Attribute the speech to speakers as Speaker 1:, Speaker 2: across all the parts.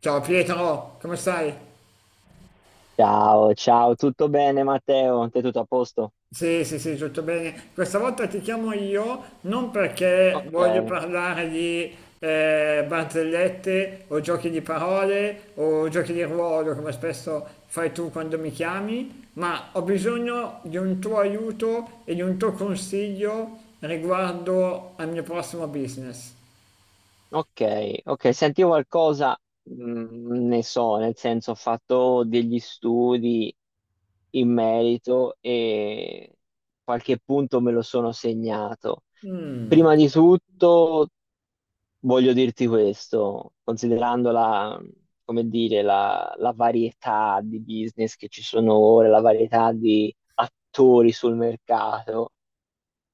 Speaker 1: Ciao Pietro, come stai?
Speaker 2: Ciao, ciao, tutto bene Matteo? Te tutto a posto?
Speaker 1: Sì, sì, sì, tutto bene. Questa volta ti chiamo io non perché
Speaker 2: Ok,
Speaker 1: voglio parlare di barzellette o giochi di parole o giochi di ruolo, come spesso fai tu quando mi chiami, ma ho bisogno di un tuo aiuto e di un tuo consiglio riguardo al mio prossimo business.
Speaker 2: ok, sentivo qualcosa, ne so, nel senso ho fatto degli studi in merito e qualche punto me lo sono segnato. Prima di tutto voglio dirti questo, considerando come dire, la varietà di business che ci sono ora, la varietà di attori sul mercato.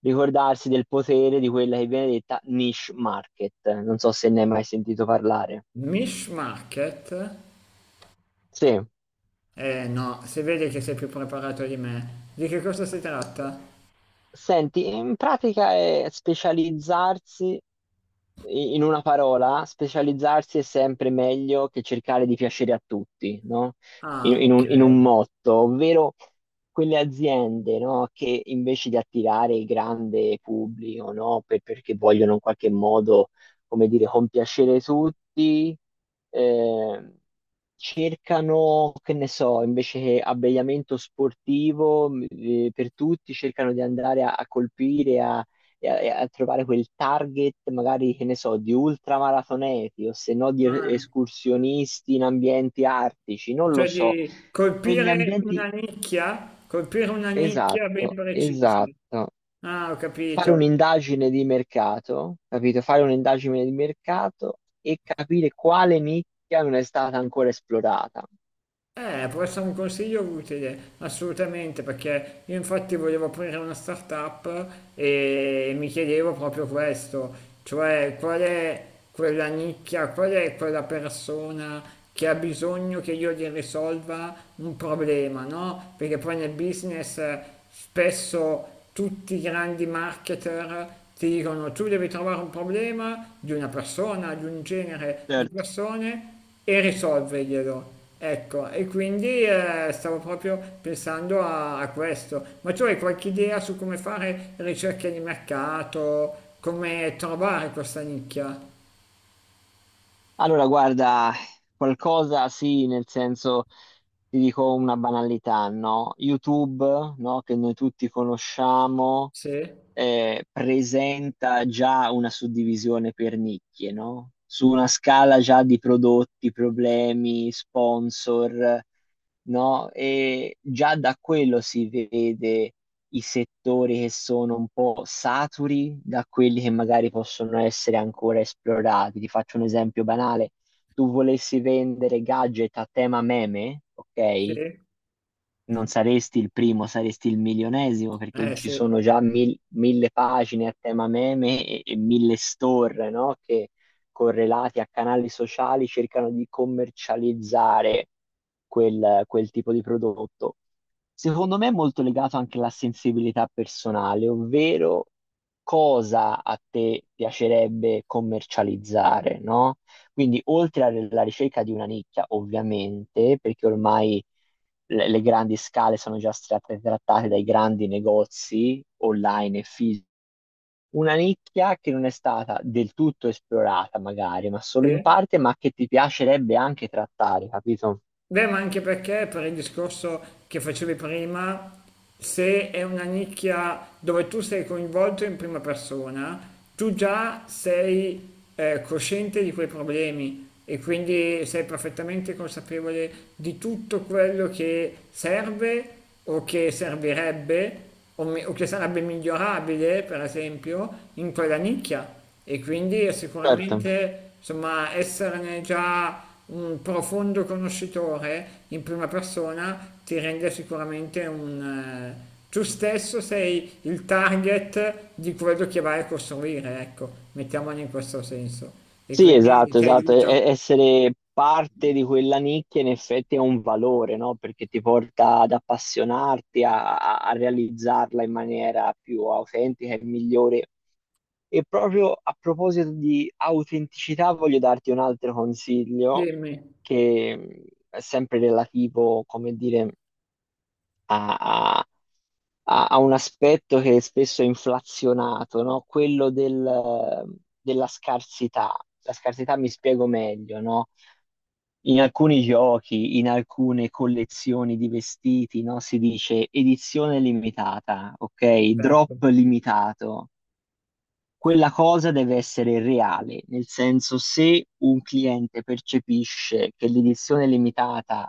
Speaker 2: Ricordarsi del potere di quella che viene detta niche market. Non so se ne hai mai sentito parlare.
Speaker 1: Mish Market?
Speaker 2: Sì,
Speaker 1: Eh no, si vede che sei più preparato di me. Di che cosa si tratta?
Speaker 2: senti, in pratica è specializzarsi in una parola, specializzarsi è sempre meglio che cercare di piacere a tutti, no? In,
Speaker 1: Ah,
Speaker 2: in
Speaker 1: ok.
Speaker 2: un, in un motto, ovvero quelle aziende, no, che invece di attirare il grande pubblico, no, perché vogliono in qualche modo, come dire, compiacere tutti, eh, cercano, che ne so, invece che abbigliamento sportivo, per tutti, cercano di andare a colpire, a trovare quel target, magari, che ne so, di ultramaratoneti o se no di
Speaker 1: Ah,
Speaker 2: escursionisti in ambienti artici, non lo
Speaker 1: cioè
Speaker 2: so.
Speaker 1: di
Speaker 2: Quegli ambienti,
Speaker 1: colpire una nicchia ben
Speaker 2: esatto,
Speaker 1: precisa.
Speaker 2: esatto.
Speaker 1: Ah, ho
Speaker 2: Fare
Speaker 1: capito.
Speaker 2: un'indagine di mercato, capito? Fare un'indagine di mercato e capire quale nicchia non è stata ancora esplorata.
Speaker 1: Può essere un consiglio utile, assolutamente, perché io infatti volevo aprire una startup e mi chiedevo proprio questo, cioè qual è quella nicchia, qual è quella persona che ha bisogno che io gli risolva un problema, no? Perché poi nel business spesso tutti i grandi marketer ti dicono tu devi trovare un problema di una persona, di un genere di
Speaker 2: Certo.
Speaker 1: persone e risolverglielo. Ecco, e quindi stavo proprio pensando a questo. Ma tu hai qualche idea su come fare ricerche di mercato, come trovare questa nicchia?
Speaker 2: Allora, guarda, qualcosa sì, nel senso ti dico una banalità, no? YouTube, no? Che noi tutti conosciamo,
Speaker 1: Sì,
Speaker 2: presenta già una suddivisione per nicchie, no? Su una scala già di prodotti, problemi, sponsor, no? E già da quello si vede i settori che sono un po' saturi da quelli che magari possono essere ancora esplorati. Ti faccio un esempio banale. Tu volessi vendere gadget a tema meme,
Speaker 1: sì,
Speaker 2: ok?
Speaker 1: eh
Speaker 2: Non saresti il primo, saresti il milionesimo perché ci
Speaker 1: sì,
Speaker 2: sono già mille pagine a tema meme e mille store, no? Che correlati a canali sociali cercano di commercializzare quel tipo di prodotto. Secondo me è molto legato anche alla sensibilità personale, ovvero cosa a te piacerebbe commercializzare, no? Quindi oltre alla ricerca di una nicchia, ovviamente, perché ormai le grandi scale sono già state trattate dai grandi negozi online e fisici. Una nicchia che non è stata del tutto esplorata, magari, ma solo in
Speaker 1: sì.
Speaker 2: parte, ma che ti piacerebbe anche trattare, capito?
Speaker 1: Beh, ma anche perché per il discorso che facevi prima, se è una nicchia dove tu sei coinvolto in prima persona, tu già sei cosciente di quei problemi e quindi sei perfettamente consapevole di tutto quello che serve o che servirebbe o, o che sarebbe migliorabile, per esempio, in quella nicchia. E quindi è
Speaker 2: Certo.
Speaker 1: sicuramente, insomma, esserne già un profondo conoscitore in prima persona ti rende sicuramente un... tu stesso sei il target di quello che vai a costruire, ecco, mettiamolo in questo senso. E
Speaker 2: Sì,
Speaker 1: quindi
Speaker 2: esatto,
Speaker 1: ti
Speaker 2: esatto.
Speaker 1: aiuta.
Speaker 2: Essere parte di quella nicchia in effetti è un valore, no? Perché ti porta ad appassionarti, a realizzarla in maniera più autentica e migliore. E proprio a proposito di autenticità, voglio darti un altro consiglio
Speaker 1: Dimmi,
Speaker 2: che è sempre relativo, come dire, a, a- a un aspetto che è spesso è inflazionato, no? Quello della scarsità. La scarsità, mi spiego meglio, no? In alcuni giochi, in alcune collezioni di vestiti, no? Si dice edizione limitata, ok? Drop
Speaker 1: certo.
Speaker 2: limitato, quella cosa deve essere reale, nel senso se un cliente percepisce che l'edizione limitata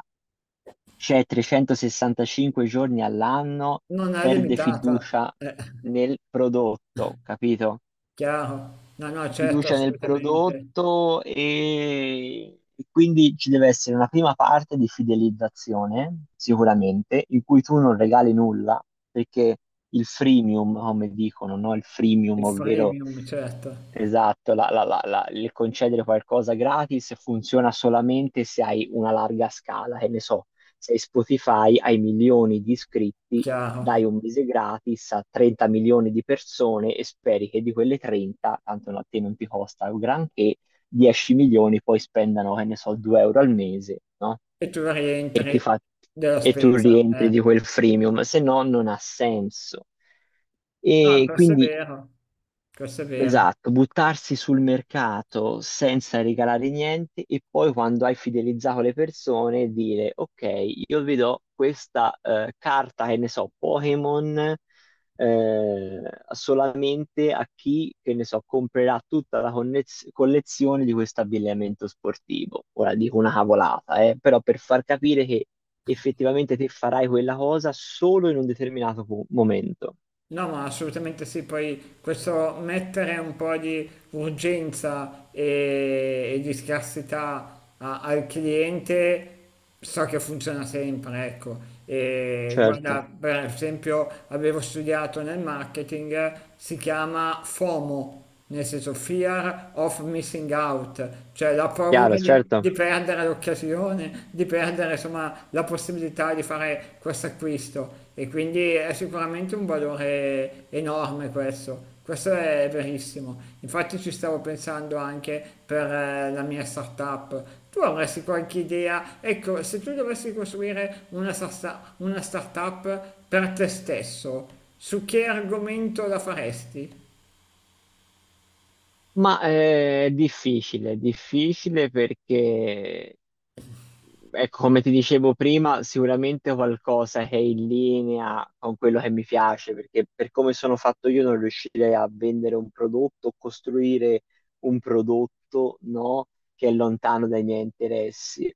Speaker 2: c'è 365 giorni all'anno,
Speaker 1: Non è
Speaker 2: perde
Speaker 1: limitata.
Speaker 2: fiducia
Speaker 1: Eh.
Speaker 2: nel prodotto, capito?
Speaker 1: Chiaro. No, no,
Speaker 2: Perde
Speaker 1: certo,
Speaker 2: fiducia nel
Speaker 1: assolutamente.
Speaker 2: prodotto e quindi ci deve essere una prima parte di fidelizzazione, sicuramente, in cui tu non regali nulla, perché il freemium, come dicono, no? Il freemium,
Speaker 1: Il
Speaker 2: ovvero,
Speaker 1: freemium, certo,
Speaker 2: esatto, il concedere qualcosa gratis funziona solamente se hai una larga scala, che ne so, se Spotify hai milioni di iscritti,
Speaker 1: chiaro.
Speaker 2: dai un mese gratis a 30 milioni di persone e speri che di quelle 30, tanto no, a te non ti costa un granché, 10 milioni poi spendano, che ne so, 2 euro al mese, no?
Speaker 1: E tu
Speaker 2: E ti
Speaker 1: rientri
Speaker 2: fa-
Speaker 1: della
Speaker 2: e tu
Speaker 1: spesa.
Speaker 2: rientri di quel freemium, se no non ha senso.
Speaker 1: No,
Speaker 2: E
Speaker 1: questo è
Speaker 2: quindi,
Speaker 1: vero, questo è vero.
Speaker 2: esatto, buttarsi sul mercato senza regalare niente e poi quando hai fidelizzato le persone dire ok, io vi do questa carta, che ne so, Pokémon, eh, solamente a chi, che ne so, comprerà tutta la collezione di questo abbigliamento sportivo. Ora dico una cavolata, però per far capire che effettivamente te farai quella cosa solo in un determinato momento.
Speaker 1: No, ma assolutamente sì. Poi questo mettere un po' di urgenza e di scarsità al cliente so che funziona sempre, ecco. E
Speaker 2: Certo,
Speaker 1: guarda, per esempio, avevo studiato nel marketing, si chiama FOMO nel senso fear of missing out, cioè la
Speaker 2: chiaro,
Speaker 1: paura di
Speaker 2: certo.
Speaker 1: perdere l'occasione, di perdere insomma la possibilità di fare questo acquisto e quindi è sicuramente un valore enorme questo. Questo è verissimo, infatti ci stavo pensando anche per la mia startup. Tu avresti qualche idea? Ecco, se tu dovessi costruire una startup per te stesso, su che argomento la faresti?
Speaker 2: Ma è difficile perché ecco, come ti dicevo prima, sicuramente qualcosa che è in linea con quello che mi piace, perché per come sono fatto io non riuscirei a vendere un prodotto, costruire un prodotto, no, che è lontano dai miei interessi.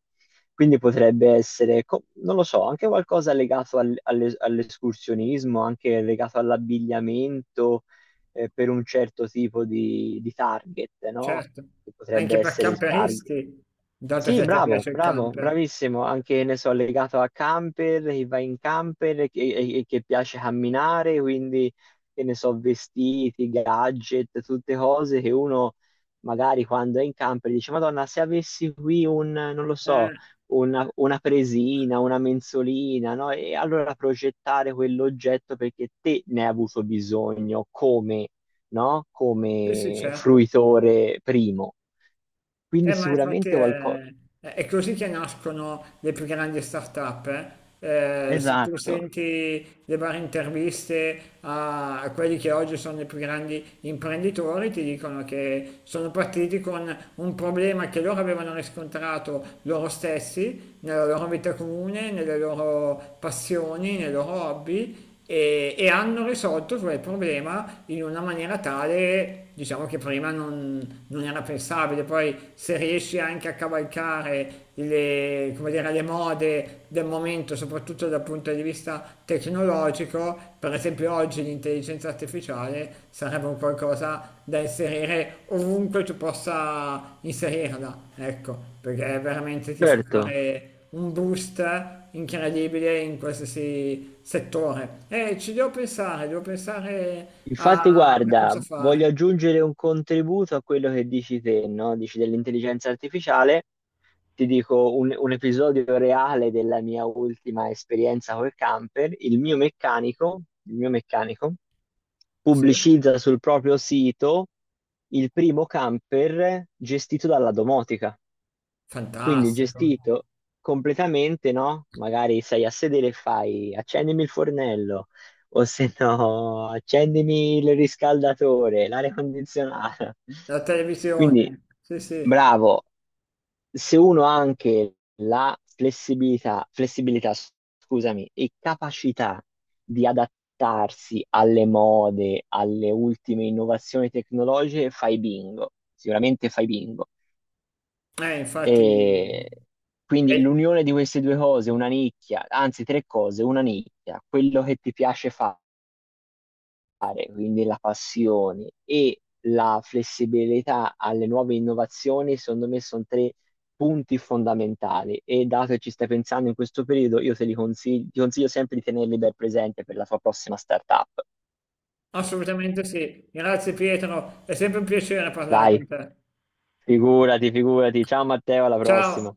Speaker 2: Quindi potrebbe essere, non lo so, anche qualcosa legato all'escursionismo, anche legato all'abbigliamento, per un certo tipo di target, no?
Speaker 1: Certo,
Speaker 2: Che potrebbe
Speaker 1: anche per
Speaker 2: essere il target
Speaker 1: camperisti, dato che
Speaker 2: sì,
Speaker 1: a te
Speaker 2: bravo,
Speaker 1: piace il
Speaker 2: bravo,
Speaker 1: camper.
Speaker 2: bravissimo. Anche, ne so, legato a camper, che va in camper e che piace camminare, quindi, che ne so, vestiti, gadget, tutte cose che uno magari quando è in camper dice, Madonna, se avessi qui un, non lo so,
Speaker 1: Eh,
Speaker 2: una presina, una mensolina, no? E allora progettare quell'oggetto perché te ne hai avuto bisogno come, no?
Speaker 1: sì, sì,
Speaker 2: Come
Speaker 1: certo.
Speaker 2: fruitore primo. Quindi
Speaker 1: Ma infatti
Speaker 2: sicuramente qualcosa,
Speaker 1: è, è così che nascono le più grandi start-up. Eh. Se tu
Speaker 2: esatto,
Speaker 1: senti le varie interviste a quelli che oggi sono i più grandi imprenditori, ti dicono che sono partiti con un problema che loro avevano riscontrato loro stessi nella loro vita comune, nelle loro passioni, nei loro hobby e hanno risolto cioè, il problema in una maniera tale, diciamo che prima non era pensabile, poi se riesci anche a cavalcare le, come dire, le mode del momento, soprattutto dal punto di vista tecnologico, per esempio oggi l'intelligenza artificiale sarebbe un qualcosa da inserire ovunque tu possa inserirla, ecco, perché veramente ti fa
Speaker 2: certo.
Speaker 1: fare un boost incredibile in qualsiasi settore. E ci devo pensare
Speaker 2: Infatti,
Speaker 1: a cosa
Speaker 2: guarda,
Speaker 1: fare.
Speaker 2: voglio aggiungere un contributo a quello che dici te, no? Dici dell'intelligenza artificiale. Ti dico un episodio reale della mia ultima esperienza col camper. Il mio meccanico
Speaker 1: Sì,
Speaker 2: pubblicizza sul proprio sito il primo camper gestito dalla domotica. Quindi
Speaker 1: fantastico.
Speaker 2: gestito completamente, no? Magari sei a sedere e fai accendimi il fornello, o se no, accendimi il riscaldatore, l'aria condizionata.
Speaker 1: La
Speaker 2: Quindi,
Speaker 1: televisione, sì, sì.
Speaker 2: bravo, se uno ha anche la flessibilità, scusami, e capacità di adattarsi alle mode, alle ultime innovazioni tecnologiche, fai bingo, sicuramente fai bingo.
Speaker 1: Infatti,
Speaker 2: E quindi
Speaker 1: eh,
Speaker 2: l'unione di queste due cose, una nicchia, anzi tre cose, una nicchia, quello che ti piace fare, quindi la passione e la flessibilità alle nuove innovazioni, secondo me sono tre punti fondamentali e dato che ci stai pensando in questo periodo, io te li consiglio, ti consiglio sempre di tenerli ben presente per la tua prossima startup.
Speaker 1: assolutamente sì. Grazie Pietro, è sempre un piacere parlare con
Speaker 2: Dai,
Speaker 1: te.
Speaker 2: figurati, figurati. Ciao Matteo, alla
Speaker 1: Ciao.
Speaker 2: prossima.